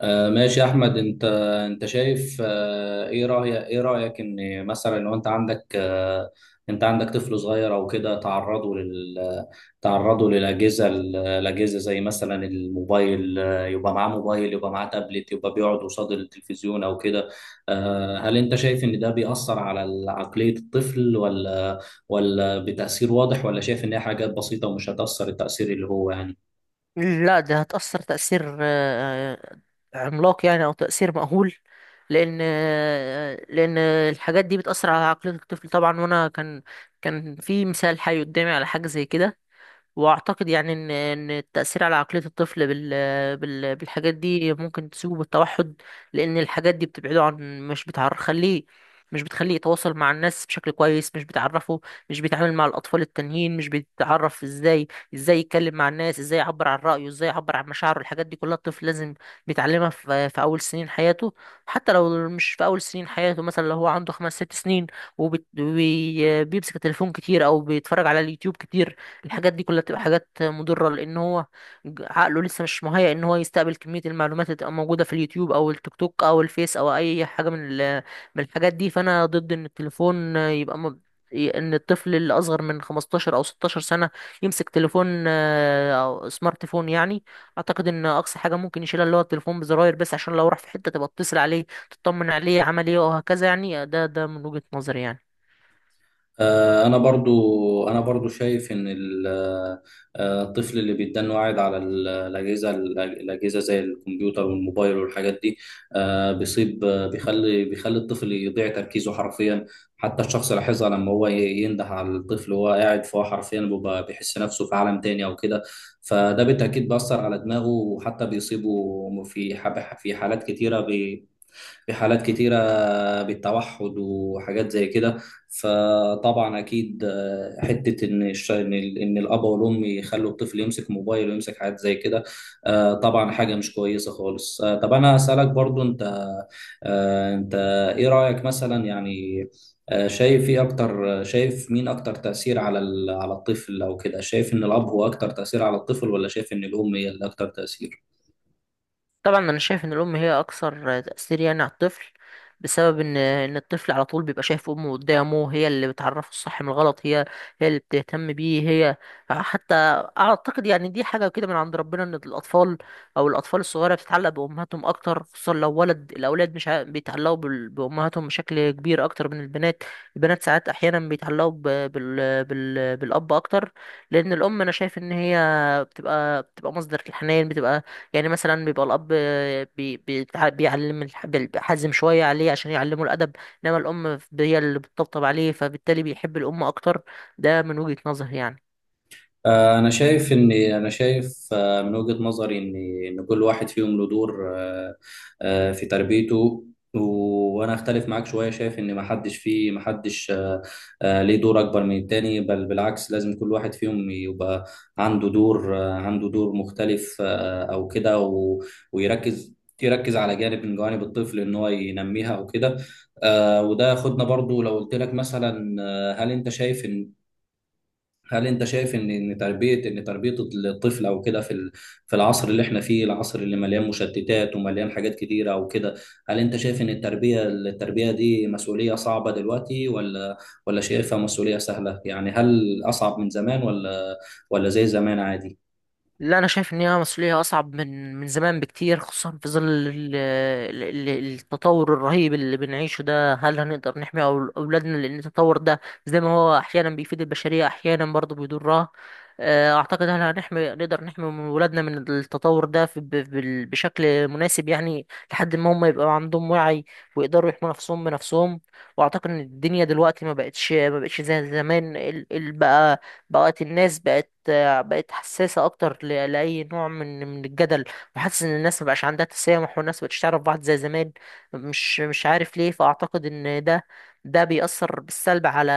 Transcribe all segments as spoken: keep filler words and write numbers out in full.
آه، ماشي يا احمد، انت انت شايف، آه، ايه رايك ايه رايك ان مثلا لو انت عندك، آه، انت عندك طفل صغير او كده، تعرضه لل تعرضه للاجهزه الاجهزه زي مثلا الموبايل، آه، يبقى معاه موبايل، يبقى معاه تابلت، يبقى بيقعد قصاد التلفزيون او كده. آه، هل انت شايف ان ده بيأثر على عقليه الطفل؟ ولا ولا بتأثير واضح؟ ولا شايف ان هي حاجات بسيطه ومش هتأثر التأثير اللي هو يعني. لا، ده هتأثر تأثير آه، عملاق يعني، أو تأثير مأهول. لأن آه، لأن الحاجات دي بتأثر على عقلية الطفل طبعا. وأنا كان كان في مثال حي قدامي على حاجة زي كده. واعتقد يعني ان ان التاثير على عقليه الطفل بال بال بالحاجات دي ممكن تسوءه بالتوحد. لان الحاجات دي بتبعده عن مش بتعرف خليه مش بتخليه يتواصل مع الناس بشكل كويس، مش بتعرفه مش بيتعامل مع الاطفال التانيين، مش بيتعرف ازاي ازاي يتكلم مع الناس، ازاي يعبر عن رايه، ازاي يعبر عن مشاعره. الحاجات دي كلها الطفل لازم بيتعلمها في في اول سنين حياته. حتى لو مش في اول سنين حياته، مثلا لو هو عنده خمس ست سنين وبيمسك التليفون كتير او بيتفرج على اليوتيوب كتير، الحاجات دي كلها بتبقى حاجات مضرة. لأن هو ج- عقله لسه مش مهيأ إن هو يستقبل كمية المعلومات اللي تبقى موجودة في اليوتيوب أو التيك توك أو الفيس أو أي حاجة من ال- من الحاجات دي. فأنا ضد إن التليفون يبقى م... ي- إن الطفل اللي أصغر من خمستاشر أو ستاشر سنة يمسك تليفون، آه، أو سمارت فون يعني. أعتقد إن أقصى حاجة ممكن يشيلها اللي هو التليفون بزراير بس، عشان لو راح في حتة تبقى تتصل عليه، تطمن عليه عمل إيه وهكذا. يعني ده ده من وجهة نظري يعني. آه، انا برضو انا برضو شايف ان ال- آه، الطفل اللي بيتدن واعد على ال- الاجهزه الاجهزه زي الكمبيوتر والموبايل والحاجات دي، آه، بيصيب آه، بيخلي بيخلي الطفل يضيع تركيزه حرفيا. حتى الشخص لاحظها، لما هو ي- ينده على الطفل وهو قاعد، فهو حرفيا بيبقى بيحس نفسه في عالم تاني او كده. فده بالتاكيد بيأثر على دماغه، وحتى بيصيبه في ح- في حالات كتيره في حالات كتيرة بالتوحد وحاجات زي كده. فطبعا أكيد، آه، حتة إن الش- إن ال- إن الأب والأم يخلوا الطفل يمسك موبايل ويمسك حاجات زي كده، آه، طبعا حاجة مش كويسة خالص. آه، طب أنا أسألك برضو، أنت آه، أنت، إيه رأيك مثلا يعني؟ آه، شايف ايه اكتر شايف مين اكتر تأثير على ال- على الطفل او كده؟ شايف ان الاب هو اكتر تأثير على الطفل؟ ولا شايف ان الام هي اللي اكتر تأثير؟ طبعا انا شايف ان الام هي اكثر تاثير يعني على الطفل، بسبب ان ان الطفل على طول بيبقى شايف امه قدامه. هي اللي بتعرفه الصح من الغلط، هي هي اللي بتهتم بيه. هي حتى اعتقد يعني دي حاجه كده من عند ربنا، ان الاطفال او الاطفال الصغيره بتتعلق بامهاتهم اكتر. خصوصا لو ولد، الاولاد مش ع- بيتعلقوا بال- بامهاتهم بشكل كبير اكتر من البنات. البنات ساعات احيانا بيتعلقوا ب- بال... بال... بالاب اكتر. لان الام انا شايف ان هي بتبقى بتبقى مصدر الحنان. بتبقى يعني مثلا بيبقى الاب بي بي بيعلم الح- بيحزم شويه عليه عشان يعلمه الادب، انما الام هي اللي بتطبطب عليه. فبالتالي بيحب الام اكتر. ده من وجهه نظري يعني. آه، أنا شايف إن أنا شايف، آه، من وجهة نظري، إن إن كل واحد فيهم له دور، آه، آه، في تربيته. و- وأنا أختلف معاك شوية، شايف إن محدش فيه محدش، آه، آه، ليه دور أكبر من التاني، بل بالعكس، لازم كل واحد فيهم يبقى عنده دور آه، عنده دور مختلف، آه، أو كده، و- ويركز يركز على جانب من جوانب الطفل إن هو ينميها أو كده. آه، وده ياخدنا برضو، لو قلت لك مثلا، آه، هل أنت شايف إن هل انت شايف ان ان تربيه ان تربيه الطفل او كده في ال- في العصر اللي احنا فيه، العصر اللي مليان مشتتات ومليان حاجات كتيره او كده، هل انت شايف ان التربيه التربيه دي مسؤوليه صعبه دلوقتي؟ ولا ولا شايفها مسؤوليه سهله يعني؟ هل اصعب من زمان؟ ولا ولا زي زمان عادي؟ لا انا شايف ان هي مسؤوليه اصعب من من زمان بكتير، خصوصا في ظل ال- ال- ال- التطور الرهيب اللي بنعيشه ده. هل هنقدر نحمي أول- اولادنا؟ لان التطور ده زي ما هو احيانا بيفيد البشريه، احيانا برضه بيضرها. آه، اعتقد هل هنحمي نقدر نحمي من اولادنا من التطور ده في- ب- بال- بشكل مناسب يعني، لحد ما هم يبقوا عندهم وعي ويقدروا يحموا نفسهم بنفسهم. واعتقد ان الدنيا دلوقتي ما بقتش ما بقتش زي زمان. ال- ال- بقى بقت الناس بقت بقت حساسة أكتر ل- لأي نوع من من الجدل. وحاسس إن الناس مبقاش عندها تسامح، والناس مبقتش تعرف بعض زي زمان، مش مش عارف ليه. فأعتقد إن ده ده بيأثر بالسلب على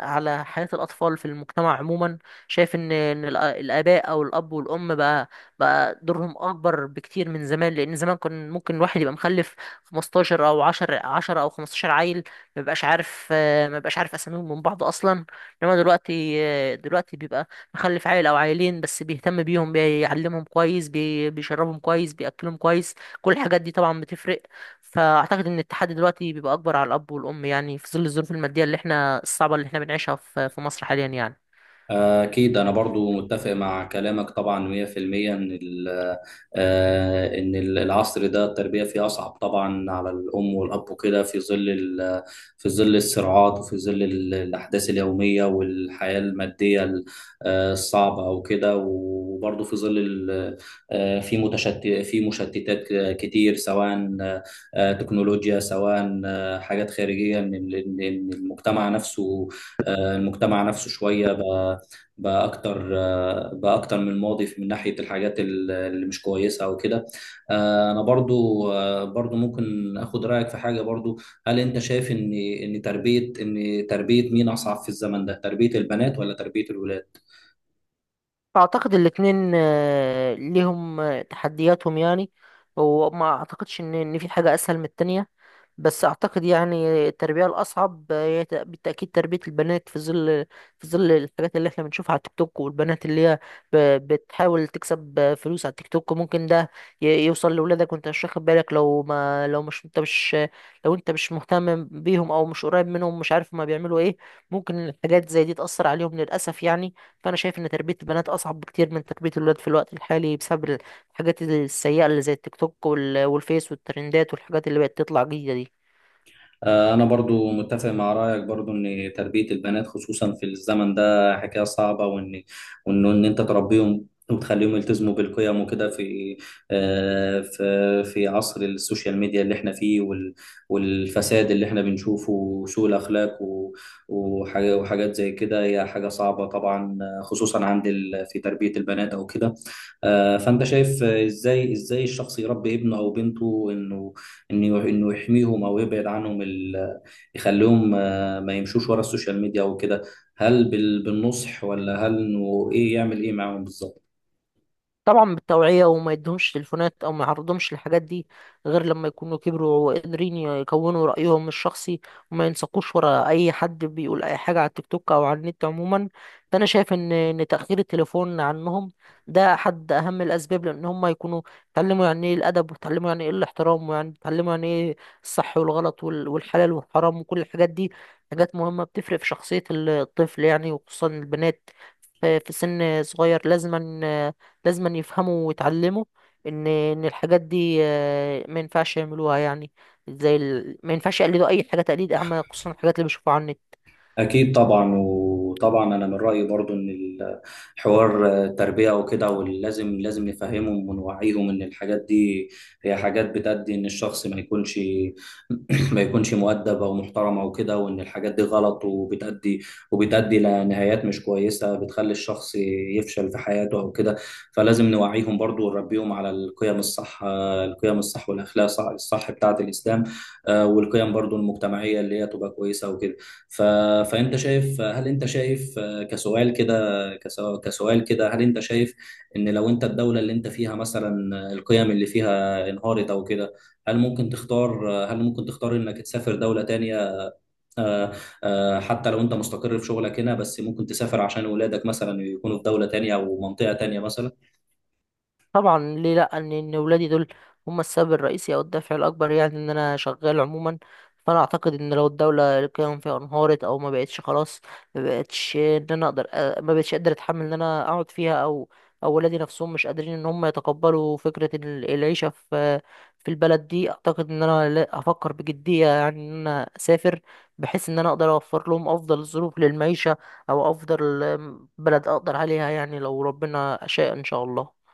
على حياة الأطفال في المجتمع عموما. شايف إن إن الأ- الآباء أو الأب والأم بقى بقى دورهم أكبر بكتير من زمان. لأن زمان كان ممكن الواحد يبقى مخلف خمستاشر أو عشرة، عشرة أو خمستاشر عيل، مبقاش عارف مبقاش عارف أساميهم من بعض أصلا. انما دلوقتي دلوقتي بيبقى مخلف عيل او عيلين بس، بيهتم بيهم، بيعلمهم كويس، بي- بيشربهم كويس، بياكلهم كويس. كل الحاجات دي طبعا بتفرق. فاعتقد ان التحدي دلوقتي بيبقى اكبر على الاب والام يعني، في ظل الظروف الماديه اللي احنا الصعبه اللي احنا بنعيشها في في مصر حاليا يعني. أكيد، أنا برضو متفق مع كلامك طبعا مية في المية. إن ال- آه، إن ال- العصر ده التربية فيه أصعب طبعا على الأم والأب وكده، في ظل ال- في ظل الصراعات، وفي ظل ال- الأحداث اليومية والحياة المادية ال- آه، الصعبة وكده، وبرضو في ظل ال- آه، في متشتت في مشتتات كتير، سواء آه، تكنولوجيا، سواء آه، حاجات خارجية من من- من المجتمع نفسه. آه، المجتمع نفسه شوية بقى اكتر آه، بقى اكتر من الماضي في- من ناحيه الحاجات ال- اللي مش كويسه او كده. آه، انا برضو آه، برضو ممكن اخد رايك في حاجه برضو. هل انت شايف ان ان تربيه ان تربيه مين اصعب في الزمن ده؟ تربيه البنات ولا تربيه الولاد؟ فاعتقد الاتنين آه، ليهم آه، تحدياتهم يعني. وما اعتقدش ان ان في حاجه اسهل من التانية. بس اعتقد يعني التربيه الاصعب هي ت- بالتاكيد تربيه البنات في ظل في ظل الحاجات اللي احنا بنشوفها على التيك توك. والبنات اللي هي ب- بتحاول تكسب فلوس على التيك توك، ممكن ده ي- يوصل لاولادك وانت مش واخد بالك. لو ما لو مش انت مش لو انت مش مهتم بيهم، او مش قريب منهم، مش عارف ما بيعملوا ايه، ممكن الحاجات زي دي تاثر عليهم للاسف يعني. فانا شايف ان تربيه البنات اصعب بكتير من تربيه الولاد في الوقت الحالي، بسبب الحاجات السيئه اللي زي التيك توك وال- والفيس والترندات والحاجات اللي بقت تطلع جديده دي. آه، أنا برضو متفق مع رأيك برضو إن تربية البنات خصوصا في الزمن ده حكاية صعبة، وإن وإن إن أنت تربيهم وتخليهم يلتزموا بالقيم وكده، في آه، في في عصر السوشيال ميديا اللي احنا فيه، وال- والفساد اللي احنا بنشوفه وسوء الأخلاق و- وحاجة- وحاجات زي كده، هي حاجة صعبة طبعا، آه، خصوصا عند ال- في تربية البنات أو كده. آه، فأنت شايف، آه، إزاي إزاي الشخص يربي ابنه أو بنته، إنه انه انه يحميهم او يبعد عنهم، ال- يخليهم آه، ما يمشوش ورا السوشيال ميديا وكده؟ هل بال- بالنصح؟ ولا هل انه ايه يعمل ايه معاهم بالظبط؟ طبعا بالتوعية، وما يدهمش تليفونات أو ما يعرضهمش للحاجات دي غير لما يكونوا كبروا وقادرين يكونوا رأيهم الشخصي، وما ينساقوش ورا أي حد بيقول أي حاجة على التيك توك أو على النت عموما. فأنا شايف إن إن تأخير التليفون عنهم ده أحد أهم الأسباب، لأن هم يكونوا اتعلموا يعني إيه الأدب، واتعلموا يعني إيه الاحترام، ويعني اتعلموا يعني إيه الصح والغلط وال- والحلال والحرام وكل الحاجات دي. حاجات مهمة بتفرق في شخصية الطفل يعني، وخصوصا البنات في في سن صغير. لازما لازم أن يفهموا ويتعلموا ان ان الحاجات دي آه، ما ينفعش يعملوها يعني. زي ال... ما ينفعش يقلدوا اي حاجه تقليد اعمى، خصوصا الحاجات اللي بيشوفوها على النت. أكيد طبعا، وطبعا أنا من رأيي برضو إن الحوار تربية وكده، ولازم لازم نفهمهم ونوعيهم إن الحاجات دي هي حاجات بتأدي إن الشخص ما يكونش ما يكونش مؤدب أو محترم أو كده، وإن الحاجات دي غلط، وبتأدي وبتأدي لنهايات مش كويسة، بتخلي الشخص يفشل في حياته أو كده. فلازم نوعيهم برضو ونربيهم على القيم الصح القيم الصح والأخلاق الصح الصح بتاعة الإسلام، آه، والقيم برضو المجتمعية اللي هي تبقى كويسة وكده. ف... فانت شايف هل انت شايف كسؤال كده كسو- كسؤال كده، هل انت شايف ان لو انت الدولة اللي انت فيها مثلا، القيم اللي فيها انهارت او كده، هل ممكن تختار هل ممكن تختار انك تسافر دولة تانية، آه، آه، حتى لو انت مستقر في شغلك هنا، بس ممكن تسافر عشان ولادك مثلا يكونوا في دولة تانية او منطقة تانية مثلا؟ طبعا ليه لا. ان ان ولادي دول هم السبب الرئيسي او الدافع الاكبر يعني ان انا شغال عموما. فانا اعتقد ان لو الدوله القيم فيها انهارت، او ما بقتش خلاص، ما بقتش ان انا اقدر أ- ما بقتش قادر اتحمل ان انا اقعد فيها، او او ولادي نفسهم مش قادرين ان هم يتقبلوا فكره ال- العيشه في في البلد دي، اعتقد ان انا لا- هفكر بجديه يعني ان انا اسافر، بحيث ان انا اقدر اوفر لهم افضل الظروف للمعيشه، او افضل بلد اقدر عليها يعني لو ربنا شاء ان شاء الله.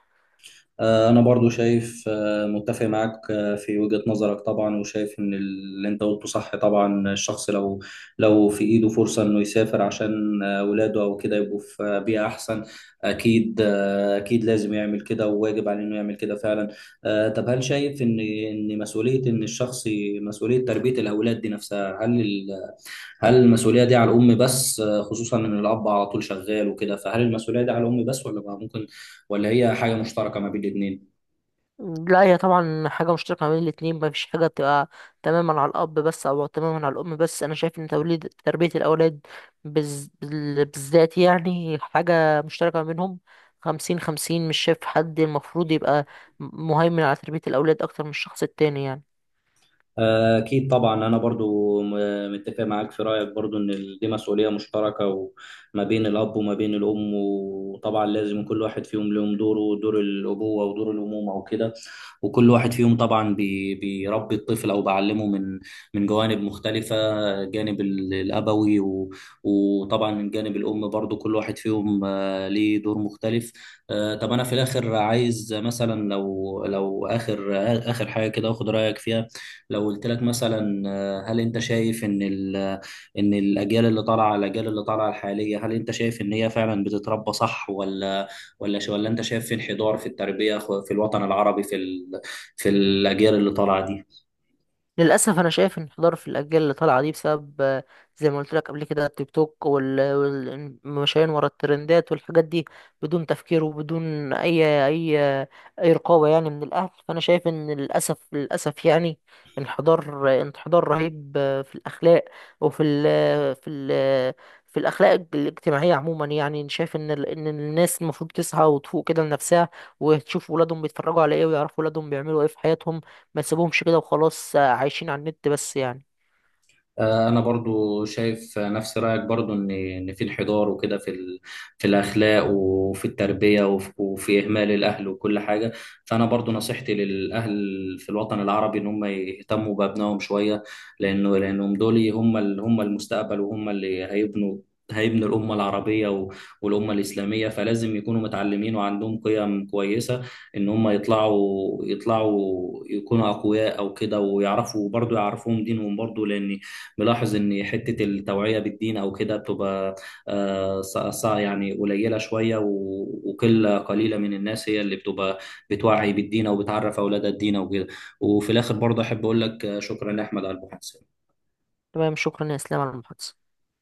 آه، أنا برضو شايف آه، متفق معاك آه، في وجهة نظرك طبعا، وشايف إن اللي أنت قلته صح. طبعا الشخص لو لو في إيده فرصة إنه يسافر عشان آه، ولاده أو كده يبقوا في آه، بيئة أحسن، أكيد. آه، أكيد لازم يعمل كده، وواجب عليه إنه يعمل كده فعلا. آه، طب هل شايف إن إن مسؤولية إن الشخص ي- مسؤولية تربية الأولاد دي نفسها، هل ال- هل المسؤولية دي على الأم بس، آه، خصوصا إن الأب على طول شغال وكده؟ فهل المسؤولية دي على الأم بس، ولا بقى ممكن ولا هي حاجة مشتركة ما بين الاتنين؟ لا، هي طبعا حاجة مشتركة ما بين الاتنين. مفيش حاجة بتبقى تماما على الأب بس أو تماما على الأم بس. أنا شايف إن توليد تربية الأولاد بز... بال- بالذات يعني حاجة مشتركة ما بينهم، خمسين خمسين. مش شايف حد المفروض يبقى مهيمن على تربية الأولاد أكتر من الشخص التاني يعني. أكيد طبعا، أنا برضو م- متفق معاك في رأيك برضو إن ال- دي مسؤولية مشتركة وما بين الأب وما بين الأم. وطبعا لازم كل واحد فيهم لهم دوره، دور الأبوة ودور الأمومة وكده. وكل واحد فيهم طبعا بي بيربي الطفل أو بعلمه من من جوانب مختلفة، جانب ال- الأبوي، و- وطبعا من جانب الأم برضو، كل واحد فيهم آه، ليه دور مختلف. آه، طب أنا في الآخر عايز مثلا، لو لو آخر آخر حاجة كده أخد رأيك فيها. لو قلت لك مثلا، آه، هل انت شايف ان ال- ان الاجيال اللي طالعه الاجيال اللي طالعه الحاليه، هل انت شايف ان هي فعلا بتتربى صح؟ ولا ولا ش- ولا انت شايف في انحدار في التربيه خ- في الوطن العربي في ال- في الاجيال اللي طالعه دي؟ للأسف أنا شايف انحدار في الأجيال اللي طالعة دي، بسبب آه، زي ما قلت لك قبل كده التيك توك والمشايين ورا الترندات والحاجات دي، بدون تفكير وبدون أي أي أي رقابة يعني من الأهل. فأنا شايف إن للأسف للأسف يعني انحدار انحدار رهيب آه، في الأخلاق، وفي ال في ال في الأخلاق الاجتماعية عموما يعني. شايف إن ال- إن الناس المفروض تصحى وتفوق كده لنفسها، وتشوف ولادهم بيتفرجوا على إيه، ويعرفوا ولادهم بيعملوا إيه في حياتهم. ما تسيبهمش كده وخلاص آه، عايشين على النت بس يعني. آه، انا برضو شايف نفس رايك برضو، ان ان في انحدار وكده في ال... في الاخلاق وفي التربيه وفي... وفي اهمال الاهل وكل حاجه. فانا برضو نصيحتي للاهل في الوطن العربي ان هم يهتموا بابنائهم شويه، لانه لانهم دول هم ال... هم المستقبل، وهم اللي هيبنوا هيبنوا الأمة العربية و- والأمة الإسلامية، فلازم يكونوا متعلمين وعندهم قيم كويسة، إن هم يطلعوا يطلعوا يكونوا أقوياء أو كده، ويعرفوا برضو يعرفوهم دينهم برضو، لأن ملاحظ ان حته التوعيه بالدين او كده بتبقى آه، ص- ص- يعني قليله شويه، و- وقله قليله من الناس هي اللي بتبقى بتوعي بالدين او بتعرف اولادها الدين او كده. وفي الاخر برضه احب اقول لك آه، شكرا يا احمد على المحادثه. تمام، شكرا يا اسلام على المحادثة.